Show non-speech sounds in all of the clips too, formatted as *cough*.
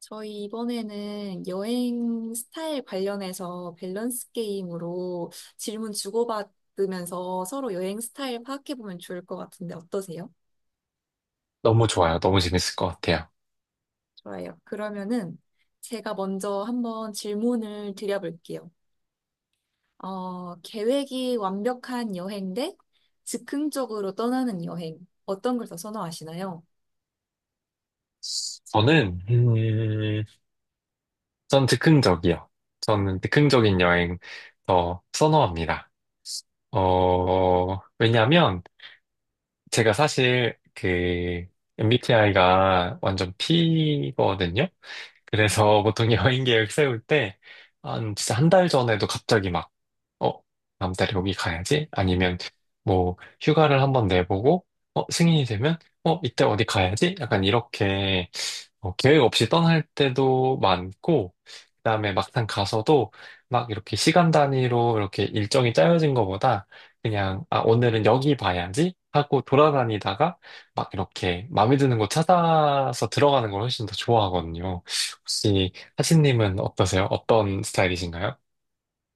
저희 이번에는 여행 스타일 관련해서 밸런스 게임으로 질문 주고받으면서 서로 여행 스타일 파악해보면 좋을 것 같은데 어떠세요? 너무 좋아요. 너무 재밌을 것 같아요. 좋아요. 그러면은 제가 먼저 한번 질문을 드려볼게요. 계획이 완벽한 여행 대 즉흥적으로 떠나는 여행. 어떤 걸 더 선호하시나요? 저는, 전 즉흥적이요. 저는 즉흥적인 여행 더 선호합니다. 왜냐면 제가 사실 그 MBTI가 완전 P거든요. 그래서 *laughs* 보통 여행 계획 세울 때 한 진짜 한 달 전에도 갑자기 막 어, 다음 달에 여기 가야지? 아니면 뭐 휴가를 한번 내보고 승인이 되면 이때 어디 가야지? 약간 이렇게 계획 없이 떠날 때도 많고, 그다음에 막상 가서도 막 이렇게 시간 단위로 이렇게 일정이 짜여진 것보다 그냥, 아, 오늘은 여기 봐야지 하고 돌아다니다가 막 이렇게 마음에 드는 곳 찾아서 들어가는 걸 훨씬 더 좋아하거든요. 혹시 하신님은 어떠세요? 어떤 스타일이신가요?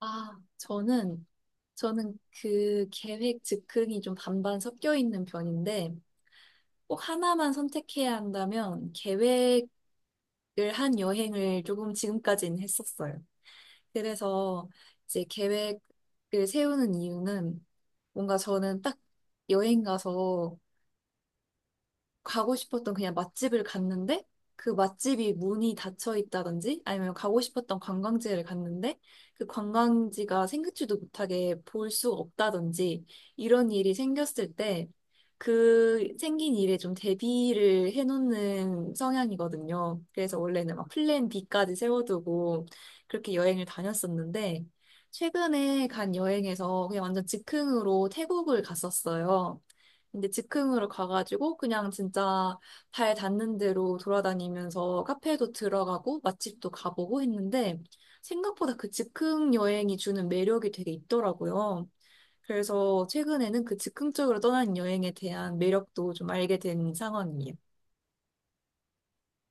저는, 저는 그 계획 즉흥이 좀 반반 섞여 있는 편인데, 꼭 하나만 선택해야 한다면 계획을 한 여행을 조금 지금까지는 했었어요. 그래서 이제 계획을 세우는 이유는 뭔가 저는 딱 여행 가서 가고 싶었던 그냥 맛집을 갔는데 그 맛집이 문이 닫혀 있다든지 아니면 가고 싶었던 관광지를 갔는데 그 관광지가 생각지도 못하게 볼 수가 없다든지 이런 일이 생겼을 때 그 생긴 일에 좀 대비를 해놓는 성향이거든요. 그래서 원래는 막 플랜 B까지 세워두고 그렇게 여행을 다녔었는데 최근에 간 여행에서 그냥 완전 즉흥으로 태국을 갔었어요. 근데 즉흥으로 가가지고 그냥 진짜 발 닿는 대로 돌아다니면서 카페도 들어가고 맛집도 가보고 했는데 생각보다 그 즉흥 여행이 주는 매력이 되게 있더라고요. 그래서 최근에는 그 즉흥적으로 떠난 여행에 대한 매력도 좀 알게 된 상황이에요.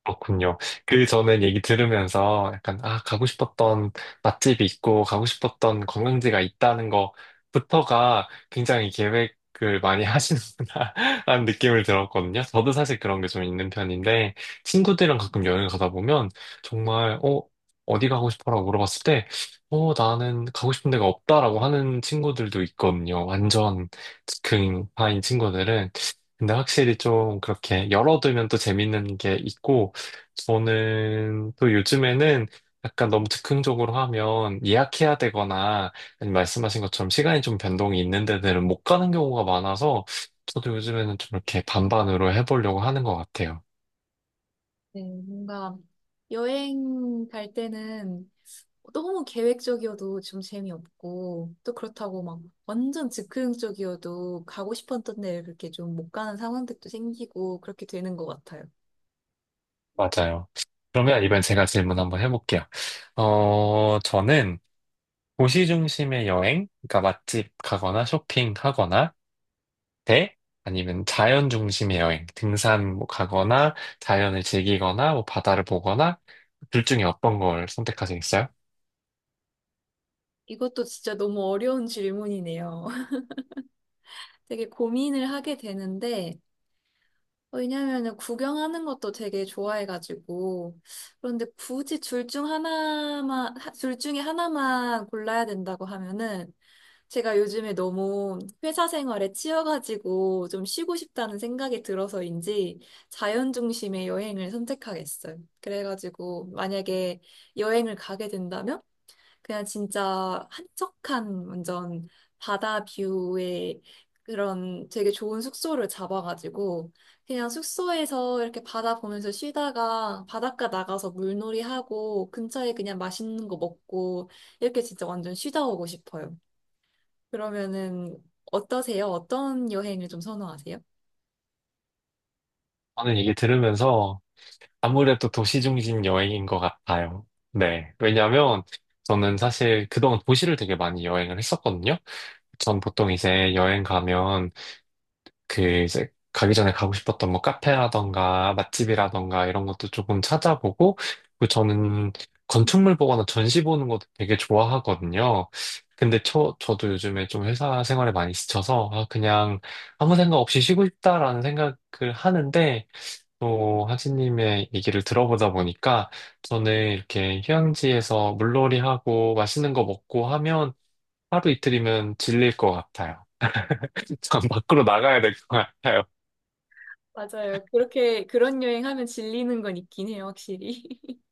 그렇군요. 그 저는 얘기 들으면서 약간, 아, 가고 싶었던 맛집이 있고, 가고 싶었던 관광지가 있다는 거부터가 굉장히 계획을 많이 하시는구나, *laughs* 라는 느낌을 들었거든요. 저도 사실 그런 게 좀 있는 편인데, 친구들이랑 가끔 여행 가다 보면, 정말, 어디 가고 싶어라고 물어봤을 때, 나는 가고 싶은 데가 없다라고 하는 친구들도 있거든요. 완전 즉흥파인 친구들은. 근데 확실히 좀 그렇게 열어두면 또 재밌는 게 있고, 저는 또 요즘에는 약간 너무 즉흥적으로 하면 예약해야 되거나 아니면 말씀하신 것처럼 시간이 좀 변동이 있는 데들은 못 가는 경우가 많아서 저도 요즘에는 좀 이렇게 반반으로 해보려고 하는 것 같아요. 네, 뭔가 여행 갈 때는 너무 계획적이어도 좀 재미없고, 또 그렇다고 막 완전 즉흥적이어도 가고 싶었던 데 그렇게 좀 못 가는 상황들도 생기고, 그렇게 되는 것 같아요. 맞아요. 그러면 이번엔 제가 질문 한번 해볼게요. 저는 도시 중심의 여행, 그러니까 맛집 가거나 쇼핑하거나 대 아니면 자연 중심의 여행, 등산 뭐 가거나 자연을 즐기거나 뭐 바다를 보거나 둘 중에 어떤 걸 선택하시겠어요? 이것도 진짜 너무 어려운 질문이네요. *laughs* 되게 고민을 하게 되는데, 왜냐면은 구경하는 것도 되게 좋아해가지고, 그런데 굳이 둘 중 하나만, 둘 중에 하나만 골라야 된다고 하면은, 제가 요즘에 너무 회사 생활에 치여가지고 좀 쉬고 싶다는 생각이 들어서인지 자연 중심의 여행을 선택하겠어요. 그래가지고 만약에 여행을 가게 된다면 그냥 진짜 한적한 완전 바다 뷰의 그런 되게 좋은 숙소를 잡아가지고 그냥 숙소에서 이렇게 바다 보면서 쉬다가 바닷가 나가서 물놀이하고 근처에 그냥 맛있는 거 먹고 이렇게 진짜 완전 쉬다 오고 싶어요. 그러면은 어떠세요? 어떤 여행을 좀 선호하세요? 저는 이게 들으면서 아무래도 도시 중심 여행인 것 같아요. 네. 왜냐면 하 저는 사실 그동안 도시를 되게 많이 여행을 했었거든요. 전 보통 이제 여행 가면 그 이제 가기 전에 가고 싶었던 뭐 카페라던가 맛집이라던가 이런 것도 조금 찾아보고 그리고 저는 건축물 보거나 전시 보는 것도 되게 좋아하거든요. 근데 저도 요즘에 좀 회사 생활에 많이 지쳐서 아, 그냥 아무 생각 없이 쉬고 싶다라는 생각을 하는데 또 하진님의 얘기를 들어보다 보니까 저는 이렇게 휴양지에서 물놀이하고 맛있는 거 먹고 하면 하루 이틀이면 질릴 것 같아요. *laughs* 참 밖으로 나가야 될 것 같아요. 맞아요. 그렇게 그런 여행하면 질리는 건 있긴 해요, 확실히. *laughs*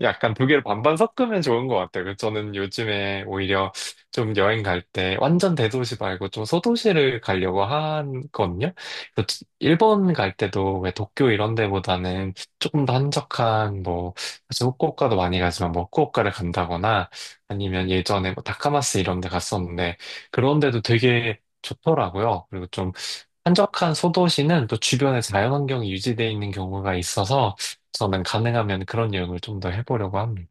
약간 두 개를 반반 섞으면 좋은 것 같아요. 그래서 저는 요즘에 오히려 좀 여행 갈 때 완전 대도시 말고 좀 소도시를 가려고 하거든요. 그래서 일본 갈 때도 왜 도쿄 이런 데보다는 조금 더 한적한 뭐 사실 후쿠오카도 많이 가지만 뭐 후쿠오카를 간다거나 아니면 예전에 뭐 다카마스 이런 데 갔었는데 그런 데도 되게 좋더라고요. 그리고 좀 한적한 소도시는 또 주변에 자연환경이 유지되어 있는 경우가 있어서 저는 가능하면 그런 여행을 좀 더 해보려고 합니다.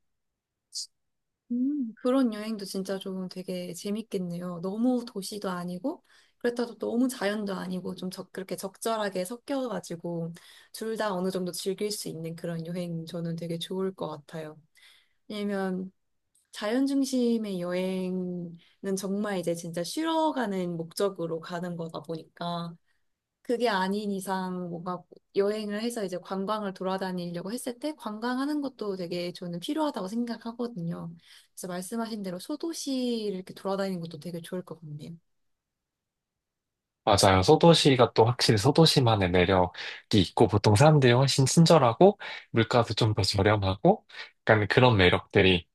그런 여행도 진짜 좀 되게 재밌겠네요. 너무 도시도 아니고, 그렇다고 또 너무 자연도 아니고, 좀 적, 그렇게 적절하게 섞여가지고, 둘 다 어느 정도 즐길 수 있는 그런 여행 저는 되게 좋을 것 같아요. 왜냐면, 자연 중심의 여행은 정말 이제 진짜 쉬러 가는 목적으로 가는 거다 보니까, 그게 아닌 이상 뭔가 여행을 해서 이제 관광을 돌아다니려고 했을 때 관광하는 것도 되게 저는 필요하다고 생각하거든요. 그래서 말씀하신 대로 소도시를 이렇게 돌아다니는 것도 되게 좋을 것 같네요. 맞아요. 소도시가 또 확실히 소도시만의 매력이 있고, 보통 사람들이 훨씬 친절하고, 물가도 좀 더 저렴하고, 약간 그런 매력들이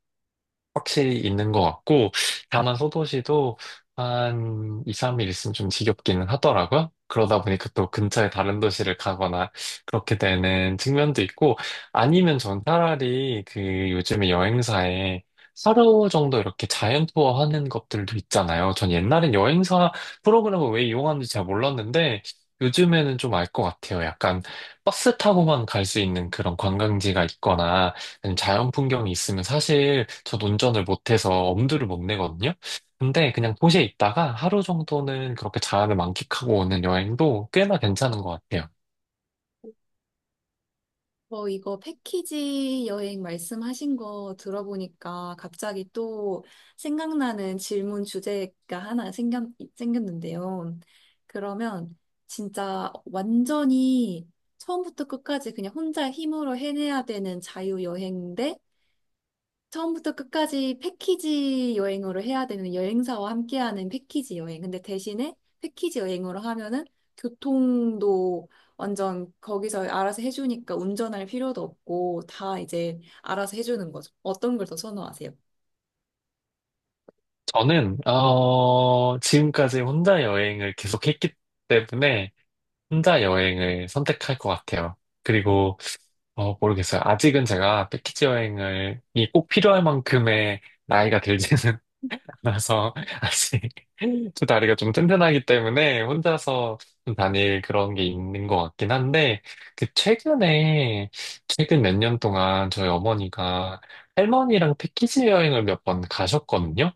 확실히 있는 것 같고, 다만 소도시도 한 2, 3일 있으면 좀 지겹기는 하더라고요. 그러다 보니까 또 근처에 다른 도시를 가거나 그렇게 되는 측면도 있고, 아니면 전 차라리 그 요즘에 여행사에 하루 정도 이렇게 자연 투어 하는 것들도 있잖아요. 전 옛날엔 여행사 프로그램을 왜 이용하는지 잘 몰랐는데, 요즘에는 좀 알 것 같아요. 약간 버스 타고만 갈 수 있는 그런 관광지가 있거나, 아니면 자연 풍경이 있으면 사실 전 운전을 못해서 엄두를 못 내거든요. 근데 그냥 도시에 있다가 하루 정도는 그렇게 자연을 만끽하고 오는 여행도 꽤나 괜찮은 것 같아요. 이거 패키지 여행 말씀하신 거 들어보니까 갑자기 또 생각나는 질문 주제가 하나 생겼는데요. 그러면 진짜 완전히 처음부터 끝까지 그냥 혼자 힘으로 해내야 되는 자유여행 대 처음부터 끝까지 패키지 여행으로 해야 되는 여행사와 함께하는 패키지 여행. 근데 대신에 패키지 여행으로 하면은 교통도 완전 거기서 알아서 해주니까 운전할 필요도 없고 다 이제 알아서 해주는 거죠. 어떤 걸 더 선호하세요? 저는 지금까지 혼자 여행을 계속했기 때문에 혼자 여행을 선택할 것 같아요. 그리고 모르겠어요. 아직은 제가 패키지 여행을 이꼭 필요할 만큼의 나이가 들지는 그래서 *laughs* 아직 두 다리가 좀 튼튼하기 때문에 혼자서 좀 다닐 그런 게 있는 것 같긴 한데 그 최근 몇 년 동안 저희 어머니가 할머니랑 패키지 여행을 몇 번 가셨거든요.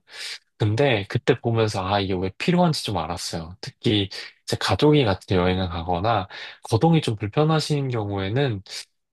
근데 그때 보면서 아, 이게 왜 필요한지 좀 알았어요. 특히 이제 가족이 같이 여행을 가거나 거동이 좀 불편하신 경우에는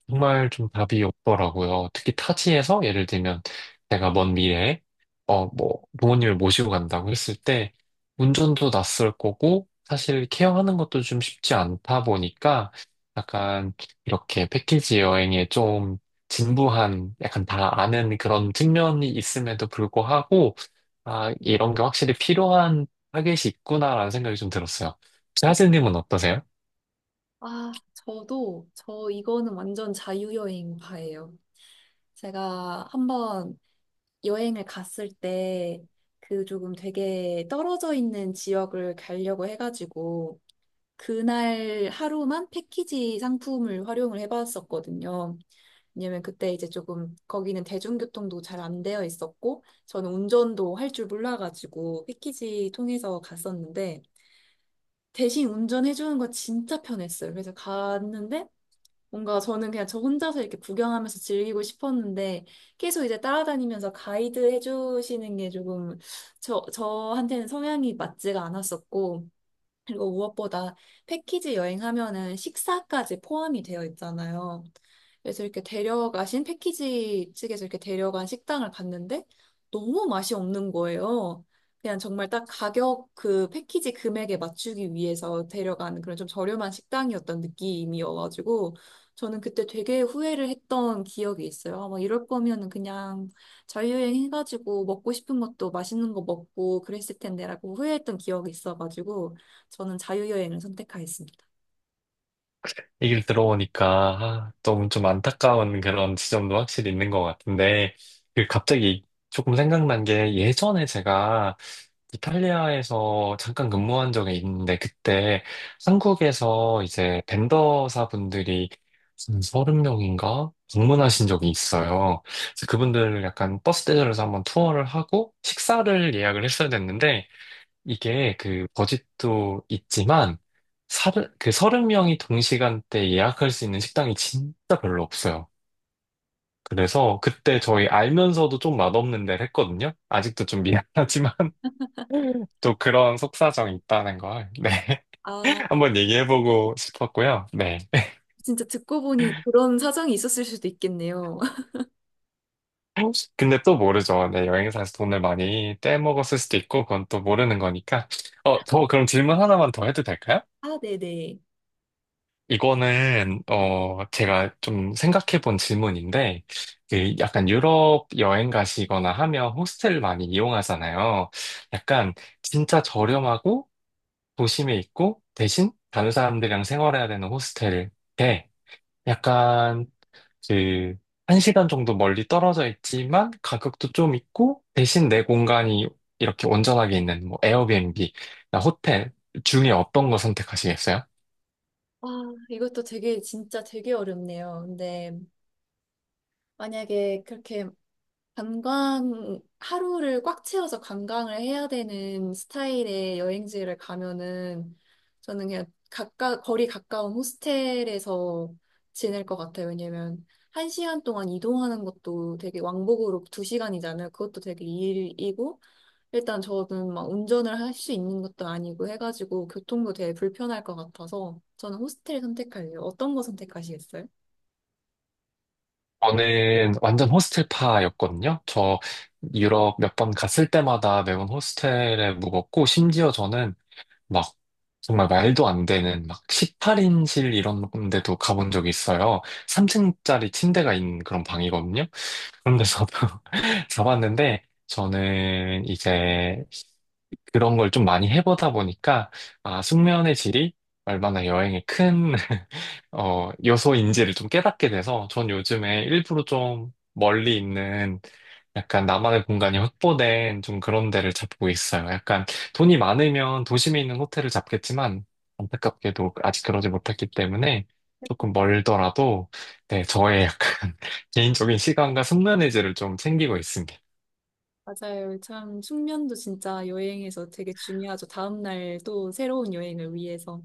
정말 좀 답이 없더라고요. 특히 타지에서 예를 들면 내가 먼 미래에 뭐 부모님을 모시고 간다고 했을 때 운전도 낯설 거고 사실 케어하는 것도 좀 쉽지 않다 보니까 약간 이렇게 패키지 여행에 좀 진부한 약간 다 아는 그런 측면이 있음에도 불구하고 아, 이런 게 확실히 필요한 타겟이 있구나라는 생각이 좀 들었어요. 혹시 하슬님은 어떠세요? 아, 저도 저 이거는 완전 자유여행 파예요. 제가 한번 여행을 갔을 때 그 조금 되게 떨어져 있는 지역을 가려고 해가지고 그날 하루만 패키지 상품을 활용을 해봤었거든요. 왜냐면 그때 이제 조금 거기는 대중교통도 잘 안 되어 있었고 저는 운전도 할 줄 몰라가지고 패키지 통해서 갔었는데 대신 운전해주는 거 진짜 편했어요. 그래서 갔는데 뭔가 저는 그냥 저 혼자서 이렇게 구경하면서 즐기고 싶었는데 계속 이제 따라다니면서 가이드 해주시는 게 조금 저한테는 성향이 맞지가 않았었고 그리고 무엇보다 패키지 여행하면은 식사까지 포함이 되어 있잖아요. 그래서 이렇게 데려가신 패키지 측에서 이렇게 데려간 식당을 갔는데 너무 맛이 없는 거예요. 그냥 정말 딱 가격 그 패키지 금액에 맞추기 위해서 데려간 그런 좀 저렴한 식당이었던 느낌이어가지고 저는 그때 되게 후회를 했던 기억이 있어요. 막 이럴 거면은 그냥 자유여행 해가지고 먹고 싶은 것도 맛있는 거 먹고 그랬을 텐데라고 후회했던 기억이 있어가지고 저는 자유여행을 선택하겠습니다. 얘기를 들어보니까 아, 너무 좀 안타까운 그런 지점도 확실히 있는 것 같은데 그 갑자기 조금 생각난 게 예전에 제가 이탈리아에서 잠깐 근무한 적이 있는데 그때 한국에서 이제 벤더사 분들이 한 서른 명인가 방문하신 적이 있어요. 그래서 그분들 약간 버스 대절에서 한번 투어를 하고 식사를 예약을 했어야 됐는데 이게 그 버짓도 있지만 서른 명이 동시간대 예약할 수 있는 식당이 진짜 별로 없어요. 그래서 그때 저희 알면서도 좀 맛없는 데를 했거든요. 아직도 좀 미안하지만 *laughs* 또 그런 속사정이 있다는 걸 네. 아, *laughs* 한번 얘기해보고 싶었고요. 네. 진짜 듣고 보니 그런 사정이 있었을 수도 있겠네요. *laughs* 근데 또 모르죠. 네, 여행사에서 돈을 *laughs* 많이 떼먹었을 수도 있고 그건 또 모르는 거니까. 저 그럼 질문 하나만 더 해도 될까요? 아, 네네. 이거는 제가 좀 생각해 본 질문인데 그 약간 유럽 여행 가시거나 하면 호스텔 많이 이용하잖아요. 약간 진짜 저렴하고 도심에 있고 대신 다른 사람들이랑 생활해야 되는 호스텔 약간 그, 한 시간 정도 멀리 떨어져 있지만 가격도 좀 있고 대신 내 공간이 이렇게 온전하게 있는 뭐 에어비앤비나 호텔 중에 어떤 거 선택하시겠어요? 아, 이것도 되게, 진짜 되게 어렵네요. 근데 만약에 그렇게 관광, 하루를 꽉 채워서 관광을 해야 되는 스타일의 여행지를 가면은 저는 그냥 거리 가까운 호스텔에서 지낼 것 같아요. 왜냐면 한 시간 동안 이동하는 것도 되게 왕복으로 두 시간이잖아요. 그것도 되게 일이고, 일단 저는 막 운전을 할 수 있는 것도 아니고 해가지고 교통도 되게 불편할 것 같아서 저는 호스텔 선택할래요. 어떤 거 선택하시겠어요? 저는 완전 호스텔파였거든요. 저 유럽 몇 번 갔을 때마다 매번 호스텔에 묵었고 심지어 저는 막 정말 말도 안 되는 막 18인실 이런 데도 가본 적이 있어요. 3층짜리 침대가 있는 그런 방이거든요. 그런 데서도 *laughs* 자봤는데 저는 이제 그런 걸 좀 많이 해보다 보니까 아, 숙면의 질이 얼마나 여행에 큰 *laughs* 여소인지를 좀 깨닫게 돼서 전 요즘에 일부러 좀 멀리 있는 약간 나만의 공간이 확보된 좀 그런 데를 잡고 있어요. 약간 돈이 많으면 도심에 있는 호텔을 잡겠지만 안타깝게도 아직 그러지 못했기 때문에 조금 멀더라도 네, 저의 약간 *laughs* 개인적인 시간과 숙면의지를 좀 챙기고 있습니다. 맞아요. 참 숙면도 진짜 여행에서 되게 중요하죠. 다음날 또 새로운 여행을 위해서.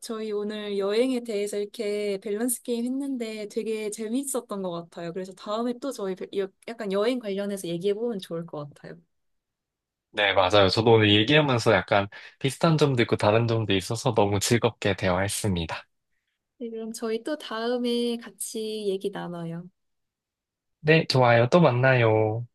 저희 오늘 여행에 대해서 이렇게 밸런스 게임 했는데 되게 재밌었던 것 같아요. 그래서 다음에 또 저희 약간 여행 관련해서 얘기해보면 좋을 것 같아요. 네, 맞아요. 저도 오늘 얘기하면서 약간 비슷한 점도 있고 다른 점도 있어서 너무 즐겁게 대화했습니다. 네, 그럼 저희 또 다음에 같이 얘기 나눠요. 네, 좋아요. 또 만나요.